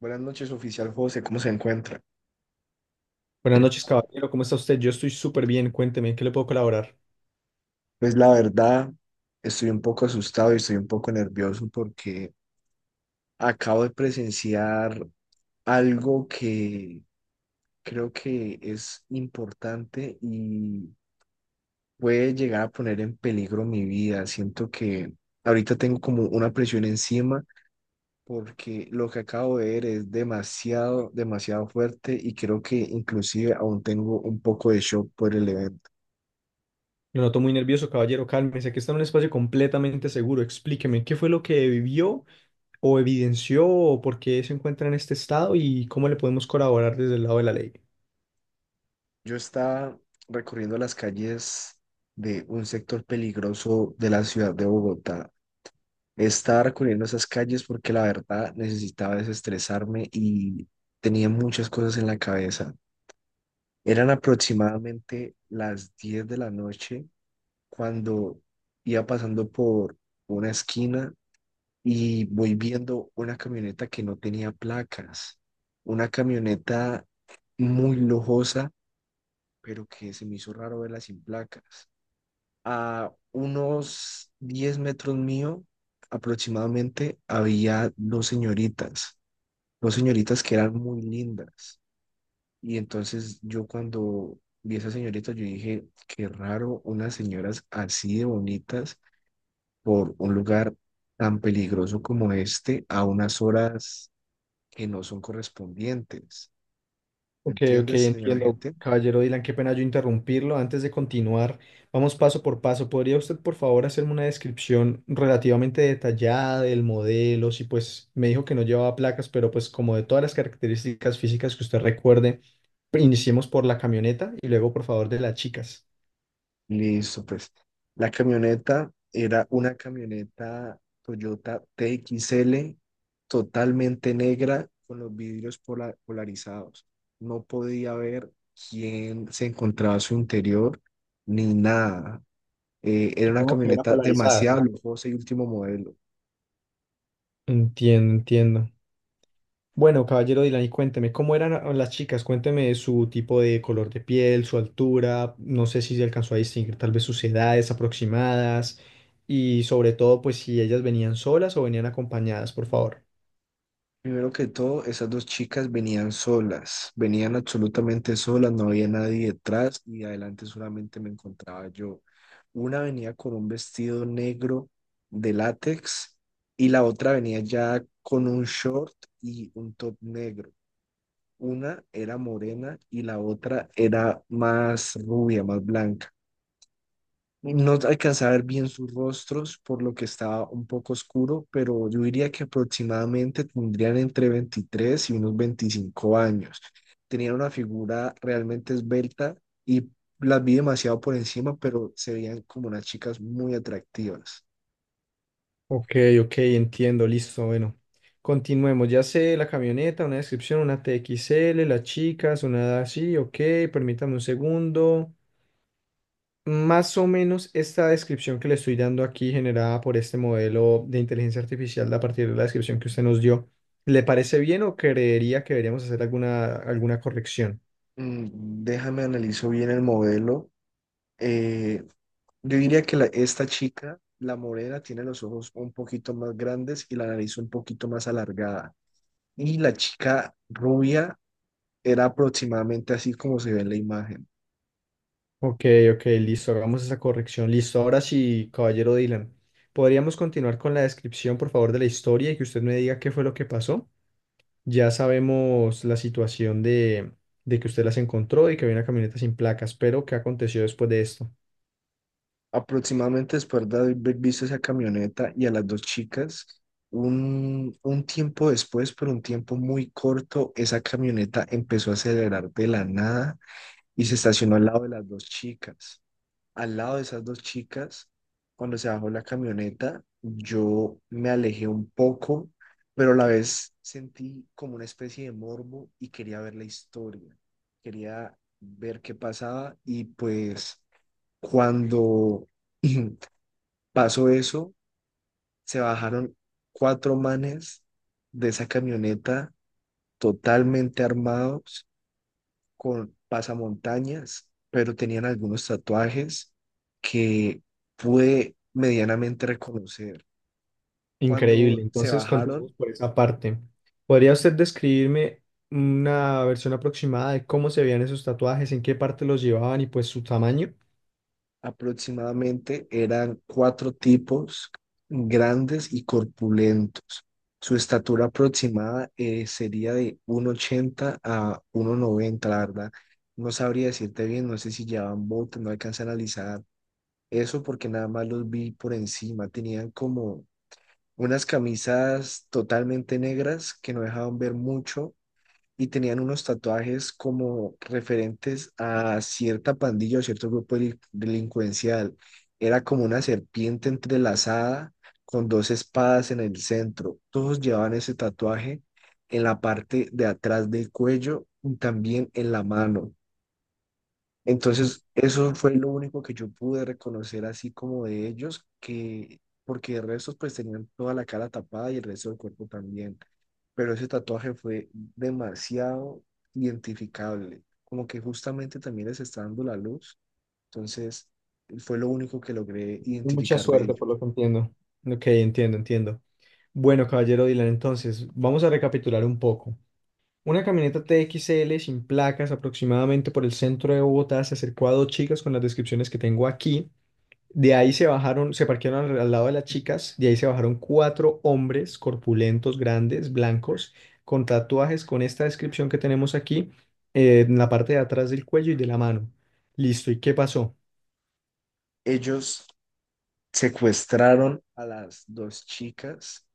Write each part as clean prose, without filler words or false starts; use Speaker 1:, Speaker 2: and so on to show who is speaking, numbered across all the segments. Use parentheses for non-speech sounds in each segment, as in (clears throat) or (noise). Speaker 1: Buenas noches, oficial José, ¿cómo se encuentra?
Speaker 2: Buenas noches, caballero. ¿Cómo está usted? Yo estoy súper bien. Cuénteme, ¿en qué le puedo colaborar?
Speaker 1: Pues la verdad, estoy un poco asustado y estoy un poco nervioso porque acabo de presenciar algo que creo que es importante y puede llegar a poner en peligro mi vida. Siento que ahorita tengo como una presión encima porque lo que acabo de ver es demasiado, demasiado fuerte y creo que inclusive aún tengo un poco de shock por el evento.
Speaker 2: Lo noto muy nervioso, caballero. Cálmese, aquí está en un espacio completamente seguro. Explíqueme, ¿qué fue lo que vivió o evidenció o por qué se encuentra en este estado y cómo le podemos colaborar desde el lado de la ley?
Speaker 1: Yo estaba recorriendo las calles de un sector peligroso de la ciudad de Bogotá. Estaba recorriendo esas calles porque la verdad necesitaba desestresarme y tenía muchas cosas en la cabeza. Eran aproximadamente las 10 de la noche cuando iba pasando por una esquina y voy viendo una camioneta que no tenía placas. Una camioneta muy lujosa, pero que se me hizo raro verla sin placas. A unos 10 metros mío aproximadamente había dos señoritas que eran muy lindas. Y entonces yo cuando vi a esas señoritas, yo dije, qué raro unas señoras así de bonitas por un lugar tan peligroso como este a unas horas que no son correspondientes. ¿Me
Speaker 2: Ok, ok,
Speaker 1: entiendes, señora
Speaker 2: entiendo.
Speaker 1: gente?
Speaker 2: Caballero Dylan, qué pena yo interrumpirlo. Antes de continuar, vamos paso por paso. ¿Podría usted, por favor, hacerme una descripción relativamente detallada del modelo? Si pues me dijo que no llevaba placas, pero pues como de todas las características físicas que usted recuerde, iniciemos por la camioneta y luego, por favor, de las chicas.
Speaker 1: Listo, pues. La camioneta era una camioneta Toyota T X L totalmente negra con los vidrios polarizados. No podía ver quién se encontraba a su interior ni nada. Era una
Speaker 2: Supongo que era
Speaker 1: camioneta
Speaker 2: polarizada,
Speaker 1: demasiado
Speaker 2: ¿cierto?
Speaker 1: lujosa y último modelo.
Speaker 2: Entiendo, entiendo. Bueno, caballero Dylan, y cuénteme, ¿cómo eran las chicas? Cuénteme su tipo de color de piel, su altura, no sé si se alcanzó a distinguir tal vez sus edades aproximadas y sobre todo, pues si ellas venían solas o venían acompañadas, por favor.
Speaker 1: Primero que todo, esas dos chicas venían solas, venían absolutamente solas, no había nadie detrás y adelante solamente me encontraba yo. Una venía con un vestido negro de látex y la otra venía ya con un short y un top negro. Una era morena y la otra era más rubia, más blanca. No alcancé a ver bien sus rostros, por lo que estaba un poco oscuro, pero yo diría que aproximadamente tendrían entre 23 y unos 25 años. Tenían una figura realmente esbelta y las vi demasiado por encima, pero se veían como unas chicas muy atractivas.
Speaker 2: Ok, ok, entiendo, listo, bueno. Continuemos, ya sé, la camioneta, una descripción, una TXL, las chicas, una edad así, ok, permítame un segundo. Más o menos esta descripción que le estoy dando aquí, generada por este modelo de inteligencia artificial, a partir de la descripción que usted nos dio, ¿le parece bien o creería que deberíamos hacer alguna corrección?
Speaker 1: Déjame analizo bien el modelo. Eh, yo diría que esta chica, la morena, tiene los ojos un poquito más grandes y la nariz un poquito más alargada. Y la chica rubia era aproximadamente así como se ve en la imagen.
Speaker 2: Ok, ok, listo, hagamos esa corrección. Listo, ahora sí, caballero Dylan, ¿podríamos continuar con la descripción, por favor, de la historia y que usted me diga qué fue lo que pasó? Ya sabemos la situación de que usted las encontró y que había una camioneta sin placas, pero ¿qué aconteció después de esto?
Speaker 1: Aproximadamente después de haber visto esa camioneta y a las dos chicas, un tiempo después, pero un tiempo muy corto, esa camioneta empezó a acelerar de la nada y se estacionó al lado de las dos chicas. Al lado de esas dos chicas, cuando se bajó la camioneta, yo me alejé un poco, pero a la vez sentí como una especie de morbo y quería ver la historia, quería ver qué pasaba y pues cuando (clears throat) pasó eso, se bajaron cuatro manes de esa camioneta totalmente armados con pasamontañas, pero tenían algunos tatuajes que pude medianamente reconocer.
Speaker 2: Increíble.
Speaker 1: Cuando se
Speaker 2: Entonces,
Speaker 1: bajaron,
Speaker 2: continuamos por esa parte. ¿Podría usted describirme una versión aproximada de cómo se veían esos tatuajes, en qué parte los llevaban y pues su tamaño?
Speaker 1: aproximadamente eran cuatro tipos grandes y corpulentos. Su estatura aproximada sería de 1,80 a 1,90, la verdad. No sabría decirte bien, no sé si llevaban botas, no alcancé a analizar eso porque nada más los vi por encima. Tenían como unas camisas totalmente negras que no dejaban ver mucho y tenían unos tatuajes como referentes a cierta pandilla o cierto grupo delincuencial. Era como una serpiente entrelazada con dos espadas en el centro. Todos llevaban ese tatuaje en la parte de atrás del cuello y también en la mano. Entonces, eso fue lo único que yo pude reconocer así como de ellos, que porque el resto pues tenían toda la cara tapada y el resto del cuerpo también, pero ese tatuaje fue demasiado identificable, como que justamente también les está dando la luz, entonces fue lo único que logré
Speaker 2: Mucha
Speaker 1: identificar de
Speaker 2: suerte,
Speaker 1: ellos.
Speaker 2: por lo que entiendo. Ok, entiendo, entiendo. Bueno, caballero Dylan, entonces, vamos a recapitular un poco. Una camioneta TXL sin placas aproximadamente por el centro de Bogotá se acercó a dos chicas con las descripciones que tengo aquí. De ahí se bajaron, se parquearon al lado de las chicas, de ahí se bajaron cuatro hombres corpulentos, grandes, blancos, con tatuajes con esta descripción que tenemos aquí, en la parte de atrás del cuello y de la mano. Listo, ¿y qué pasó?
Speaker 1: Ellos secuestraron a las dos chicas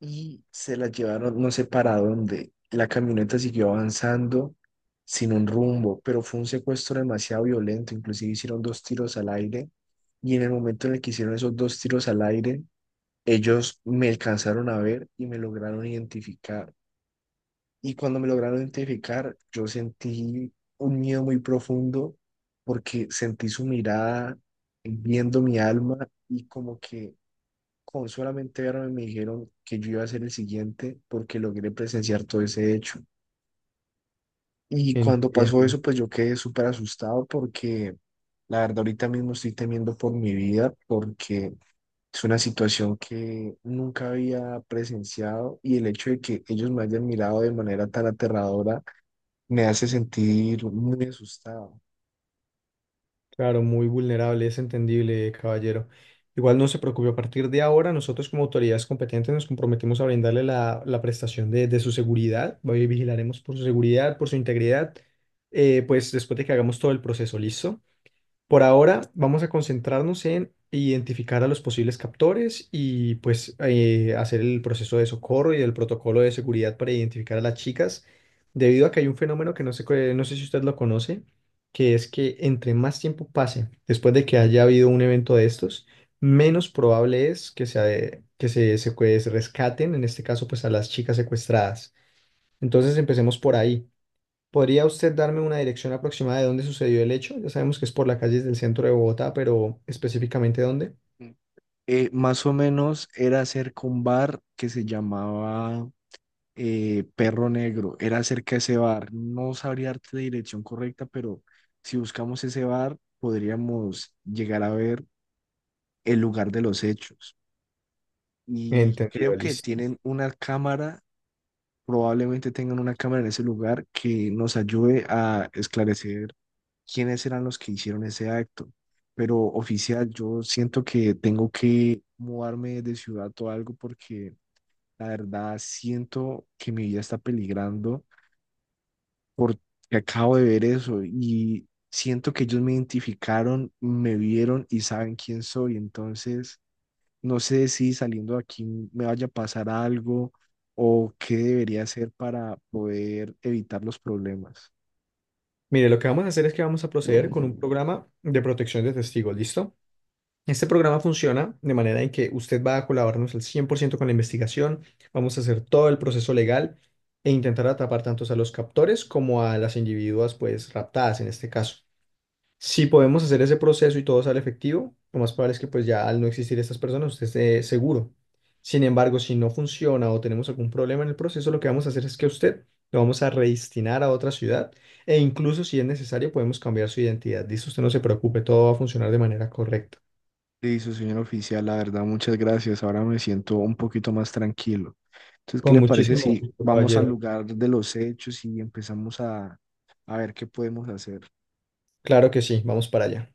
Speaker 1: y se la llevaron no sé para dónde. La camioneta siguió avanzando sin un rumbo, pero fue un secuestro demasiado violento. Inclusive hicieron dos tiros al aire y en el momento en el que hicieron esos dos tiros al aire, ellos me alcanzaron a ver y me lograron identificar. Y cuando me lograron identificar, yo sentí un miedo muy profundo porque sentí su mirada viendo mi alma y como que con solamente verme me dijeron que yo iba a ser el siguiente porque logré presenciar todo ese hecho. Y cuando pasó
Speaker 2: Entiendo.
Speaker 1: eso, pues yo quedé súper asustado porque la verdad ahorita mismo estoy temiendo por mi vida porque es una situación que nunca había presenciado y el hecho de que ellos me hayan mirado de manera tan aterradora me hace sentir muy asustado.
Speaker 2: Claro, muy vulnerable, es entendible, caballero. Igual no se preocupe, a partir de ahora nosotros como autoridades competentes nos comprometemos a brindarle la prestación de su seguridad, hoy vigilaremos por su seguridad, por su integridad, pues después de que hagamos todo el proceso, ¿listo? Por ahora vamos a concentrarnos en identificar a los posibles captores y pues hacer el proceso de socorro y el protocolo de seguridad para identificar a las chicas, debido a que hay un fenómeno que no sé, no sé si usted lo conoce, que es que entre más tiempo pase después de que haya habido un evento de estos, menos probable es que se pues, rescaten, en este caso pues a las chicas secuestradas. Entonces empecemos por ahí. ¿Podría usted darme una dirección aproximada de dónde sucedió el hecho? Ya sabemos que es por las calles del centro de Bogotá, pero específicamente dónde.
Speaker 1: Más o menos era cerca un bar que se llamaba Perro Negro, era cerca de ese bar. No sabría darte la dirección correcta, pero si buscamos ese bar, podríamos llegar a ver el lugar de los hechos. Y
Speaker 2: Entendido,
Speaker 1: creo que
Speaker 2: listo.
Speaker 1: tienen una cámara, probablemente tengan una cámara en ese lugar que nos ayude a esclarecer quiénes eran los que hicieron ese acto. Pero oficial, yo siento que tengo que mudarme de ciudad o algo porque la verdad siento que mi vida está peligrando porque acabo de ver eso y siento que ellos me identificaron, me vieron y saben quién soy. Entonces, no sé si saliendo de aquí me vaya a pasar algo o qué debería hacer para poder evitar los problemas.
Speaker 2: Mire, lo que vamos a hacer es que vamos a proceder con un programa de protección de testigos, ¿listo? Este programa funciona de manera en que usted va a colaborarnos al 100% con la investigación, vamos a hacer todo el proceso legal e intentar atrapar tanto a los captores como a las individuas, pues, raptadas en este caso. Si podemos hacer ese proceso y todo sale efectivo, lo más probable es que pues ya al no existir estas personas usted esté seguro. Sin embargo, si no funciona o tenemos algún problema en el proceso, lo que vamos a hacer es que a usted lo vamos a redestinar a otra ciudad e incluso si es necesario podemos cambiar su identidad. Listo, usted no se preocupe, todo va a funcionar de manera correcta.
Speaker 1: Listo, señor oficial, la verdad, muchas gracias. Ahora me siento un poquito más tranquilo. Entonces, ¿qué
Speaker 2: Con
Speaker 1: le parece
Speaker 2: muchísimo
Speaker 1: si
Speaker 2: gusto,
Speaker 1: vamos al
Speaker 2: caballero.
Speaker 1: lugar de los hechos y empezamos a ver qué podemos hacer?
Speaker 2: Claro que sí, vamos para allá.